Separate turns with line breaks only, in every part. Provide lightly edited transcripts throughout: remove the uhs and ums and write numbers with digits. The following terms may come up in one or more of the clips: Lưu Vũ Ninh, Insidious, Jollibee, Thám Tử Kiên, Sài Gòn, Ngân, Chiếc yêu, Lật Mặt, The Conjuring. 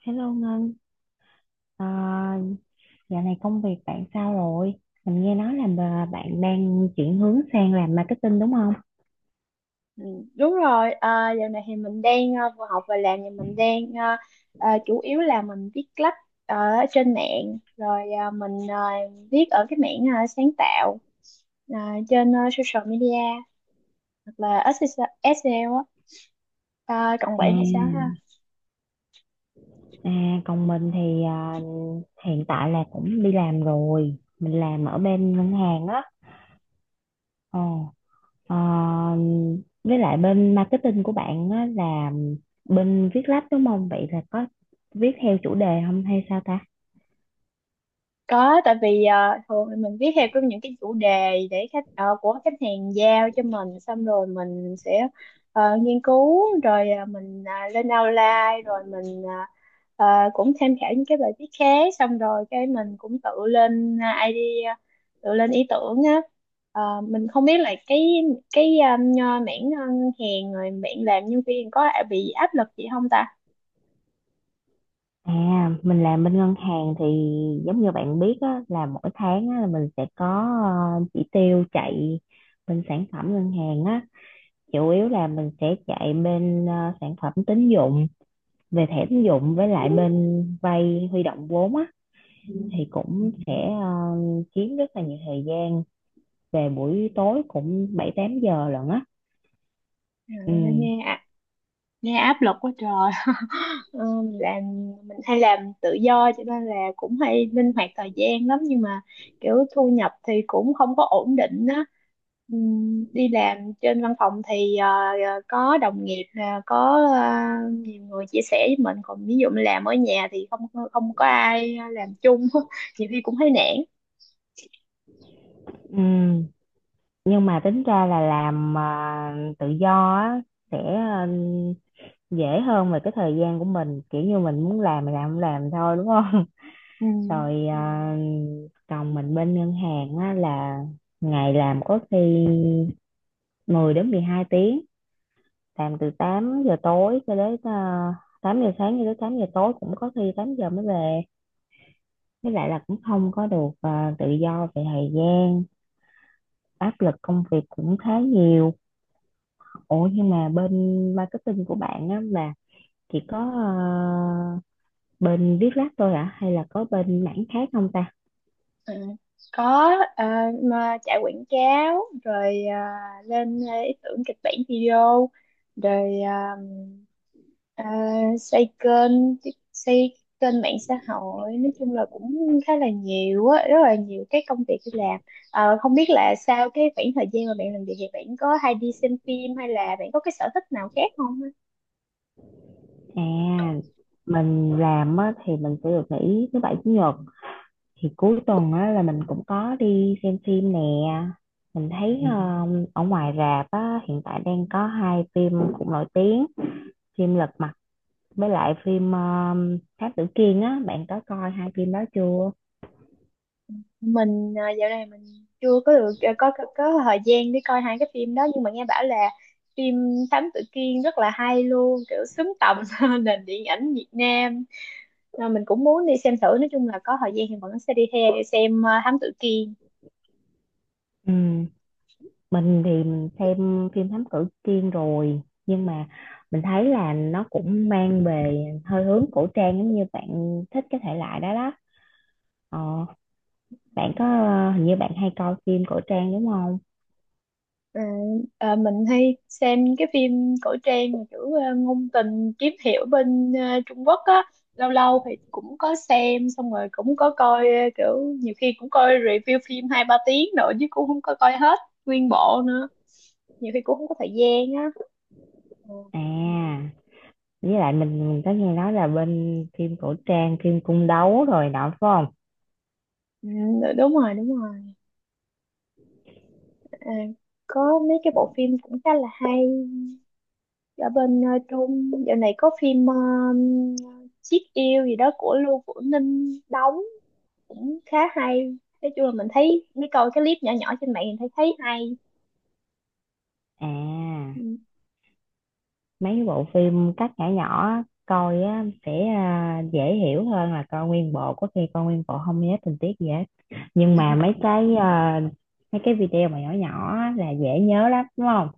Hello Ngân, à, dạo này công việc bạn sao rồi? Mình nghe nói là bạn đang chuyển hướng sang làm marketing đúng không?
Ừ, đúng rồi. Giờ này thì mình đang vừa học và làm, thì mình đang chủ yếu là mình viết lách ở trên mạng. Rồi mình viết ở cái mảng sáng tạo ờ, trên social media, hoặc là SEO á. Còn
À,
bạn thì sao ha?
à, còn mình thì à, hiện tại là cũng đi làm rồi, mình làm ở bên ngân hàng á. Ờ, à, với lại bên marketing của bạn á là bên viết lách đúng không? Vậy là có viết theo chủ đề không hay sao ta?
Có, tại vì thường thì mình viết theo cái những cái chủ đề để khách của khách hàng giao cho mình, xong rồi mình sẽ nghiên cứu, rồi mình lên outline, rồi mình cũng tham khảo những cái bài viết khác, xong rồi cái mình cũng tự lên idea, tự lên ý tưởng á. Ờ, mình không biết là cái cái ờ, mảng ngân hàng rồi mảng làm nhân viên có bị áp lực gì không ta?
À, mình làm bên ngân hàng thì giống như bạn biết á, là mỗi tháng á, là mình sẽ có chỉ tiêu chạy bên sản phẩm ngân hàng á. Chủ yếu là mình sẽ chạy bên sản phẩm tín dụng, về thẻ tín dụng với lại bên vay huy động vốn á. Thì cũng sẽ chiếm rất là nhiều thời gian, về buổi tối cũng bảy tám giờ lận á.
Trời,
Ừ.
nghe nghe áp lực quá trời. Ờ, làm mình hay làm tự do cho nên là cũng hay linh hoạt thời gian lắm, nhưng mà kiểu thu nhập thì cũng không có ổn định á. Đi làm trên văn phòng thì có đồng nghiệp là có nhiều người chia sẻ với mình, còn ví dụ mình làm ở nhà thì không không có ai làm chung nhiều khi cũng thấy nản.
Ừ. Nhưng mà tính ra là làm tự do á, sẽ dễ hơn về cái thời gian của mình kiểu như mình muốn làm mình làm không làm thôi đúng không.
Ừ.
Rồi Ừ. À, còn mình bên ngân hàng á, là ngày làm có khi 10 đến 12 tiếng, làm từ 8 giờ tối cho đến à, 8 giờ sáng cho đến 8 giờ tối, cũng có khi 8 giờ mới về, với lại là cũng không có được à, tự do về thời gian, áp lực công việc cũng khá nhiều. Ủa nhưng mà bên marketing của bạn á, là chỉ có bên viết lách thôi ạ hay là có bên mảng khác không ta?
Ừ. Có, mà chạy quảng cáo, rồi lên ý tưởng kịch bản video, rồi à, xây kênh xây kênh mạng xã hội, nói chung là cũng khá là nhiều á, rất là nhiều cái công việc đi làm. Không biết là sau cái khoảng thời gian mà bạn làm việc thì bạn có hay đi xem phim, hay là bạn có cái sở thích nào khác không á?
À, mình làm á, thì mình sẽ được nghỉ thứ bảy chủ nhật, thì cuối tuần á, là mình cũng có đi xem phim nè. Mình thấy Ừ. Ở ngoài rạp á, hiện tại đang có hai phim cũng nổi tiếng, phim Lật Mặt với lại phim Thám Tử Kiên á, bạn có coi hai phim đó chưa?
Mình dạo này mình chưa có được có thời gian để coi hai cái phim đó, nhưng mà nghe bảo là phim Thám Tử Kiên rất là hay luôn, kiểu xứng tầm nền điện ảnh Việt Nam. Mình cũng muốn đi xem thử, nói chung là có thời gian thì vẫn sẽ đi theo xem Thám Tử Kiên.
Ừ. Mình thì mình xem phim Thám Tử Kiên rồi nhưng mà mình thấy là nó cũng mang về hơi hướng cổ trang, giống như bạn thích cái thể loại đó đó. Ờ, bạn có hình như bạn hay coi phim cổ trang đúng không?
Ờ, mình hay xem những cái phim cổ trang mà kiểu ngôn tình, kiếm hiệp bên Trung Quốc á. Lâu lâu thì cũng có xem, xong rồi cũng có coi kiểu nhiều khi cũng coi review phim hai ba tiếng nữa chứ cũng không có coi hết nguyên bộ nữa, nhiều khi cũng không có thời gian á. Ừ.
À, với lại mình có nghe nói là bên phim cổ trang, phim cung đấu rồi đó phải không?
Ừ, đúng rồi, đúng rồi. à, có mấy cái bộ phim cũng khá là hay. Ở bên Trung, dạo này có phim Chiếc Yêu gì đó của Lưu Vũ Ninh đóng, cũng khá hay. Nói chung là mình thấy mấy coi cái clip nhỏ nhỏ trên mạng, mình thấy thấy hay.
À,
Ừ.
mấy cái bộ phim cắt nhỏ nhỏ coi á, sẽ à, dễ hiểu hơn là coi nguyên bộ, có khi coi nguyên bộ không nhớ tình tiết gì hết, nhưng mà mấy cái video mà nhỏ nhỏ á là dễ nhớ lắm đúng không?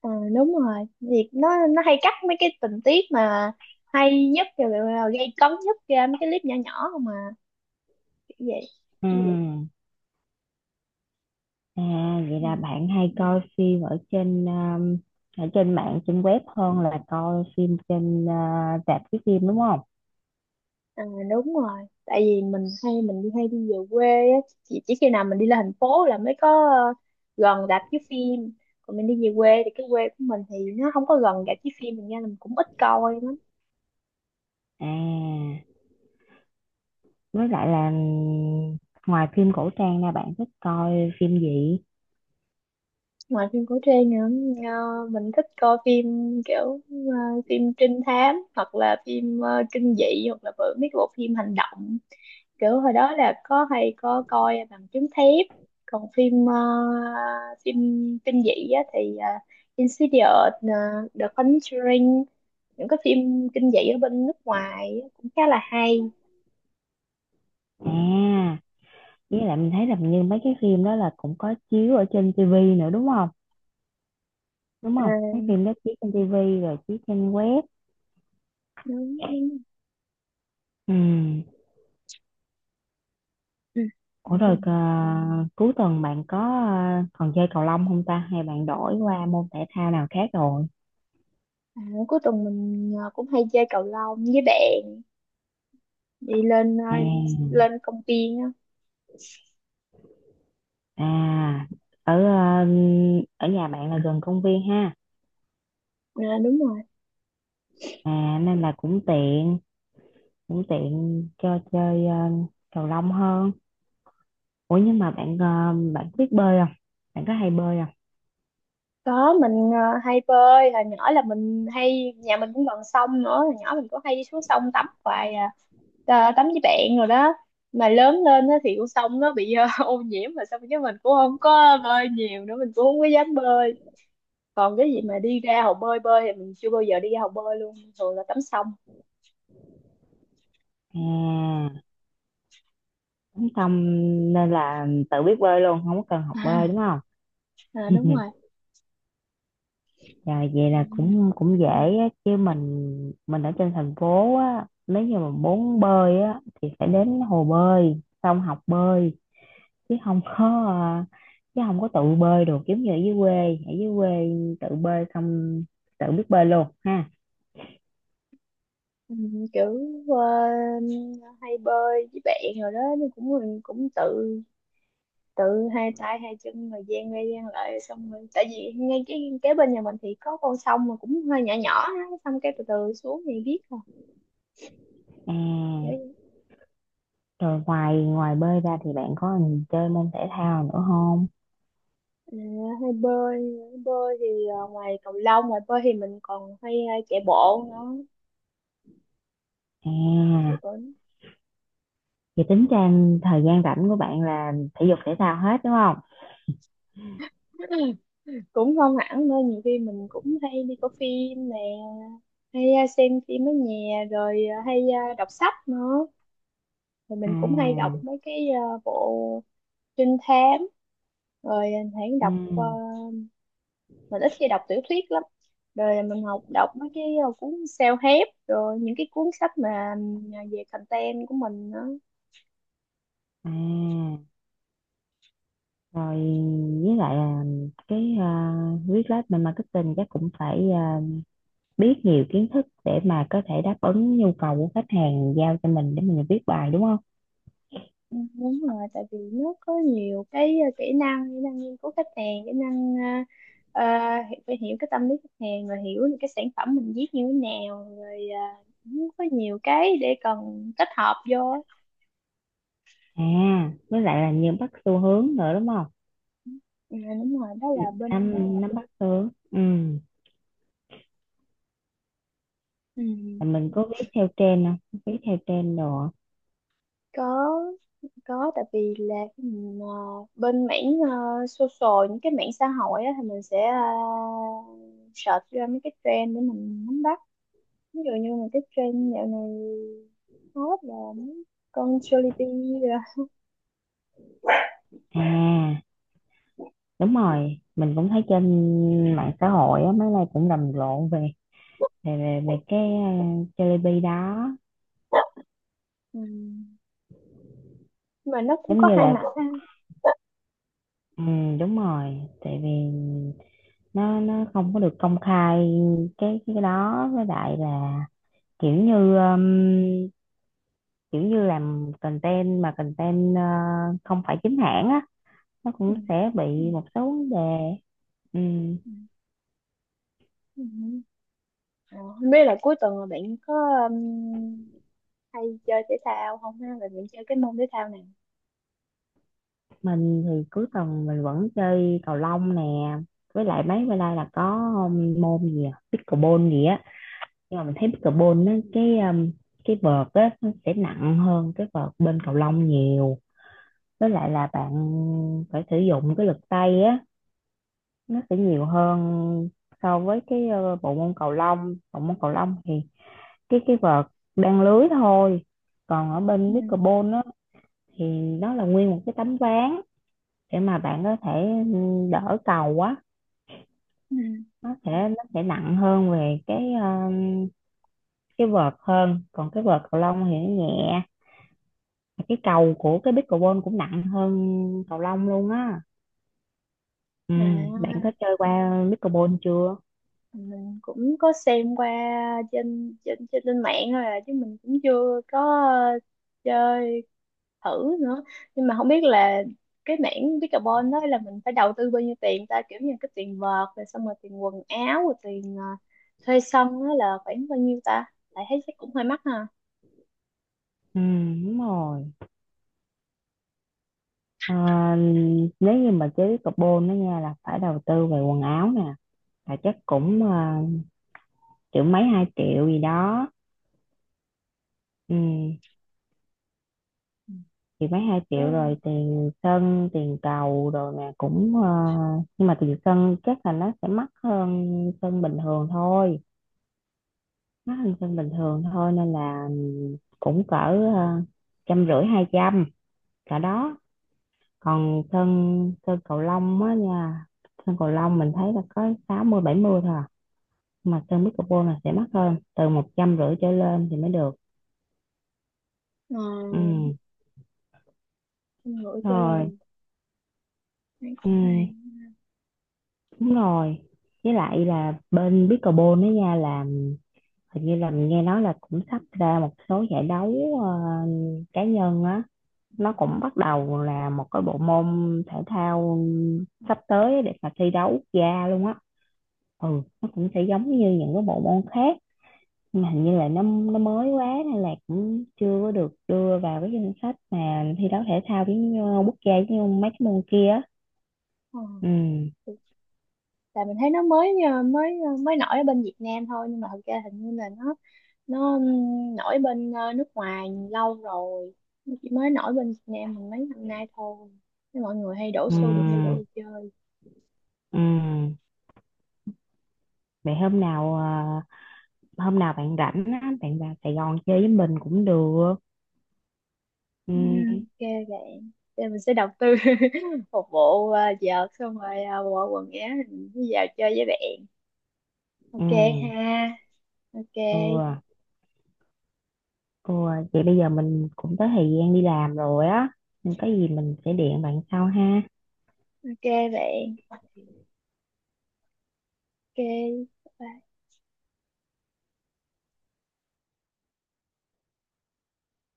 Ờ, Đúng rồi, việc nó hay cắt mấy cái tình tiết mà hay nhất rồi là gây cấn nhất ra mấy cái clip nhỏ nhỏ không, mà kiểu vậy.
Ừ. Ừ. À, vậy
Ừ.
là bạn hay coi phim ở trên mạng, trên web hơn là coi phim trên à, rạp chiếu phim đúng không?
Ờ, Đúng rồi, tại vì mình hay mình đi hay đi về quê á. Chỉ khi nào mình đi lên thành phố là mới có gần rạp chiếu phim. Còn mình đi về quê thì cái quê của mình thì nó không có gần rạp chiếu phim, thành ra là mình cũng ít coi.
À, với lại là ừ, ngoài phim cổ trang ra bạn thích coi phim gì?
Ngoài phim cổ trang nữa, mình thích coi phim kiểu phim trinh thám, hoặc là phim kinh dị, hoặc là mấy cái bộ phim hành động. Kiểu hồi đó là có hay có coi Bằng Chứng Thép. Còn phim phim kinh dị á, thì Insidious, The Conjuring, những cái phim kinh dị ở bên nước ngoài á, cũng khá là hay.
À, với lại mình thấy là như mấy cái phim đó là cũng có chiếu ở trên tivi nữa đúng không đúng
Ờ,
không mấy phim đó chiếu trên tivi rồi chiếu trên web.
Đúng, đúng.
Ừ.
Ừ. Ừ.
Ủa Ừ. Rồi à, cuối tuần bạn có à, còn chơi cầu lông không ta, hay bạn đổi qua môn thể thao nào khác rồi?
À, cuối tuần mình cũng hay chơi cầu lông với bạn, đi lên
À,
lên công viên á.
à ở à, ở nhà bạn là gần công viên ha?
À, đúng rồi.
À, nên là cũng tiện cho chơi à, cầu lông hơn. Ủa nhưng mà bạn biết bơi không, bạn có hay bơi không?
Có, mình hay bơi hồi nhỏ là mình hay, nhà mình cũng gần sông nữa, hồi nhỏ mình cũng hay đi xuống sông tắm hoài à. Tắm với bạn rồi đó. Mà lớn lên á thì con sông nó bị ô nhiễm, mà xong cái mình cũng không có bơi nhiều nữa, mình cũng không có dám bơi. Còn cái gì mà đi ra hồ bơi bơi thì mình chưa bao giờ đi ra hồ bơi luôn, thường là tắm sông.
À. Xong nên là tự biết bơi luôn, không có cần học bơi đúng không?
À, đúng
Rồi vậy là
rồi.
cũng cũng dễ á, chứ mình ở trên thành phố á, nếu như mà muốn bơi á thì phải đến hồ bơi, xong học bơi, chứ không có à, chứ không có tự bơi được giống như ở dưới quê, tự bơi xong tự biết bơi luôn ha.
Ừ, kiểu ờ, hay bơi với bạn rồi đó, nhưng cũng mình cũng tự tự hai tay hai chân rồi gian ra gian lại, xong rồi tại vì ngay cái kế bên nhà mình thì có con sông mà cũng hơi nhỏ nhỏ á, xong cái từ từ xuống thì biết rồi,
À,
kiểu vậy.
rồi ngoài ngoài bơi ra thì bạn có chơi môn thể thao nữa không?
Ờ, Hay bơi, bơi thì ngoài cầu lông ngoài bơi thì mình còn hay chạy bộ nữa, thì
À.
cũng
Vậy tính ra thời gian rảnh của bạn là thể dục thể thao hết đúng không?
cũng không hẳn nữa, nhiều khi mình cũng hay đi coi phim nè, hay xem phim ở nhà, rồi hay đọc sách nữa. Rồi mình cũng hay đọc
À,
mấy cái bộ trinh thám, rồi mình hay đọc
ừ,
mình ít khi đọc tiểu thuyết lắm, rồi mình học đọc mấy cái cuốn self-help, rồi những cái cuốn sách mà ừ, về content của mình đó.
à, rồi với lại là cái viết lách, mình marketing chắc cũng phải biết nhiều kiến thức để mà có thể đáp ứng nhu cầu của khách hàng giao cho mình để mình viết bài đúng không?
Ừ, đúng rồi, tại vì nó có nhiều cái kỹ năng, kỹ năng nghiên cứu khách hàng, kỹ năng ờ, ờ, phải hiểu cái tâm lý khách hàng, rồi hiểu được cái sản phẩm mình viết như thế nào, rồi cũng có nhiều cái để cần kết hợp vô.
À, với lại là nhiều bắt xu hướng nữa đúng không?
Ừ, đúng rồi, đó là bên
Nắm nắm bắt xu hướng. Ừ,
Ừ,
là mình có viết theo trend không? Viết theo trend đồ.
có có, tại vì là cái mình, bên mảng social, những cái mảng xã hội á, thì mình sẽ search ra mấy cái trend để mình nắm bắt. Ví dụ như là cái trend dạo này hot là mấy con Jollibee rồi.
À, đúng rồi, mình cũng thấy trên mạng xã hội á mấy nay cũng rầm rộ về cái Jollibee đó.
Ừ. Mà nó cũng
Giống
có
như
hai
là
mặt ha.
ừ, đúng rồi, tại vì nó không có được công khai cái đó, với lại là kiểu như um, kiểu như làm content mà content không phải chính hãng á, nó
Ừ.
cũng sẽ bị một số vấn đề. Ừ.
Ừ. Ừ. Ờ, Không biết là cuối tuần là bạn có um, hay chơi thể thao không ha, và bạn chơi cái môn thể thao nào?
Mình thì cuối tuần mình vẫn chơi cầu lông nè, với lại mấy bữa nay là có môn gì à? Pickleball gì á. Nhưng mà mình thấy pickleball nó cái vợt á, nó sẽ nặng hơn cái vợt bên cầu lông nhiều, với lại là bạn phải sử dụng cái lực tay á, nó sẽ nhiều hơn so với cái bộ môn cầu lông. Bộ môn cầu lông thì cái vợt đang lưới thôi, còn ở
Ừ.
bên pickleball á thì nó là nguyên một cái tấm ván để mà bạn có thể ừ, đỡ cầu quá.
Ừ.
Nó sẽ nặng hơn về cái vợt hơn, còn cái vợt cầu lông thì nó nhẹ. Và cái cầu của cái pickleball cũng nặng hơn cầu lông luôn á. Ừ, bạn có
À,
chơi qua pickleball chưa?
mình cũng có xem qua trên mạng thôi à, chứ mình cũng chưa có ờ, chơi thử nữa, nhưng mà không biết là cái mảng pickleball đó là mình phải đầu tư bao nhiêu tiền ta, kiểu như cái tiền vợt rồi xong rồi tiền quần áo rồi tiền thuê sân đó là khoảng bao nhiêu ta, tại thấy chắc cũng hơi mắc ha.
Ừ, đúng rồi. Ờ, Nếu như mà chơi pickleball đó nha là phải đầu tư về quần áo nè, là chắc cũng triệu mấy, 2 triệu gì đó. Ừ.
Ừ.
Thì mấy hai
Ừ.
triệu rồi tiền sân tiền cầu rồi nè, cũng nhưng mà tiền sân chắc là nó sẽ mắc hơn sân bình thường thôi mắc hơn sân bình thường thôi, nên là cũng cỡ ờ, 150, 200 cả đó. Còn sân sân cầu lông á nha, sân cầu lông mình thấy là có 60, 70 thôi à. Nhưng mà sân pickleball là sẽ mắc hơn, từ 150 trở lên thì mới được. Ừ.
Ờ, Không ngửi trả lời,
Rồi.
thấy
Ừ.
cũng hay.
Đúng rồi. Với lại là bên pickleball đó nha, là hình như là mình nghe nói là cũng sắp ra một số giải đấu ờ, cá nhân á, nó cũng bắt đầu là một cái bộ môn thể thao sắp tới để mà thi đấu quốc gia luôn á. Ừ, nó cũng sẽ giống như những cái bộ môn khác. Nhưng mà hình như là nó mới quá nên là cũng chưa có được đưa vào cái danh sách mà thi đấu thể thao với nhau- quốc gia như mấy cái môn kia á.
Ờ.
Ừ.
Tại mình thấy nó mới mới nổi ở bên Việt Nam thôi, nhưng mà thật ra hình như là nó nổi bên nước ngoài lâu rồi, nó chỉ mới nổi bên Việt Nam mình mấy năm nay thôi. Thế mọi người hay đổ
Ừ.
xô đi đi chơi.
Ừ. Vậy hôm nào bạn rảnh á, bạn vào Sài Gòn chơi với mình cũng được. Ừ.
Ừ, ok bạn. Thế mình sẽ đầu tư một bộ vợt, xong rồi bộ quần áo rồi mình đi vào chơi với bạn.
Ừ.
Ok ha. Ok.
Ừ, ừ. Vậy bây giờ mình cũng tới thời gian đi làm rồi á, nên có gì mình sẽ điện bạn sau ha.
Ok bạn. Ok bye.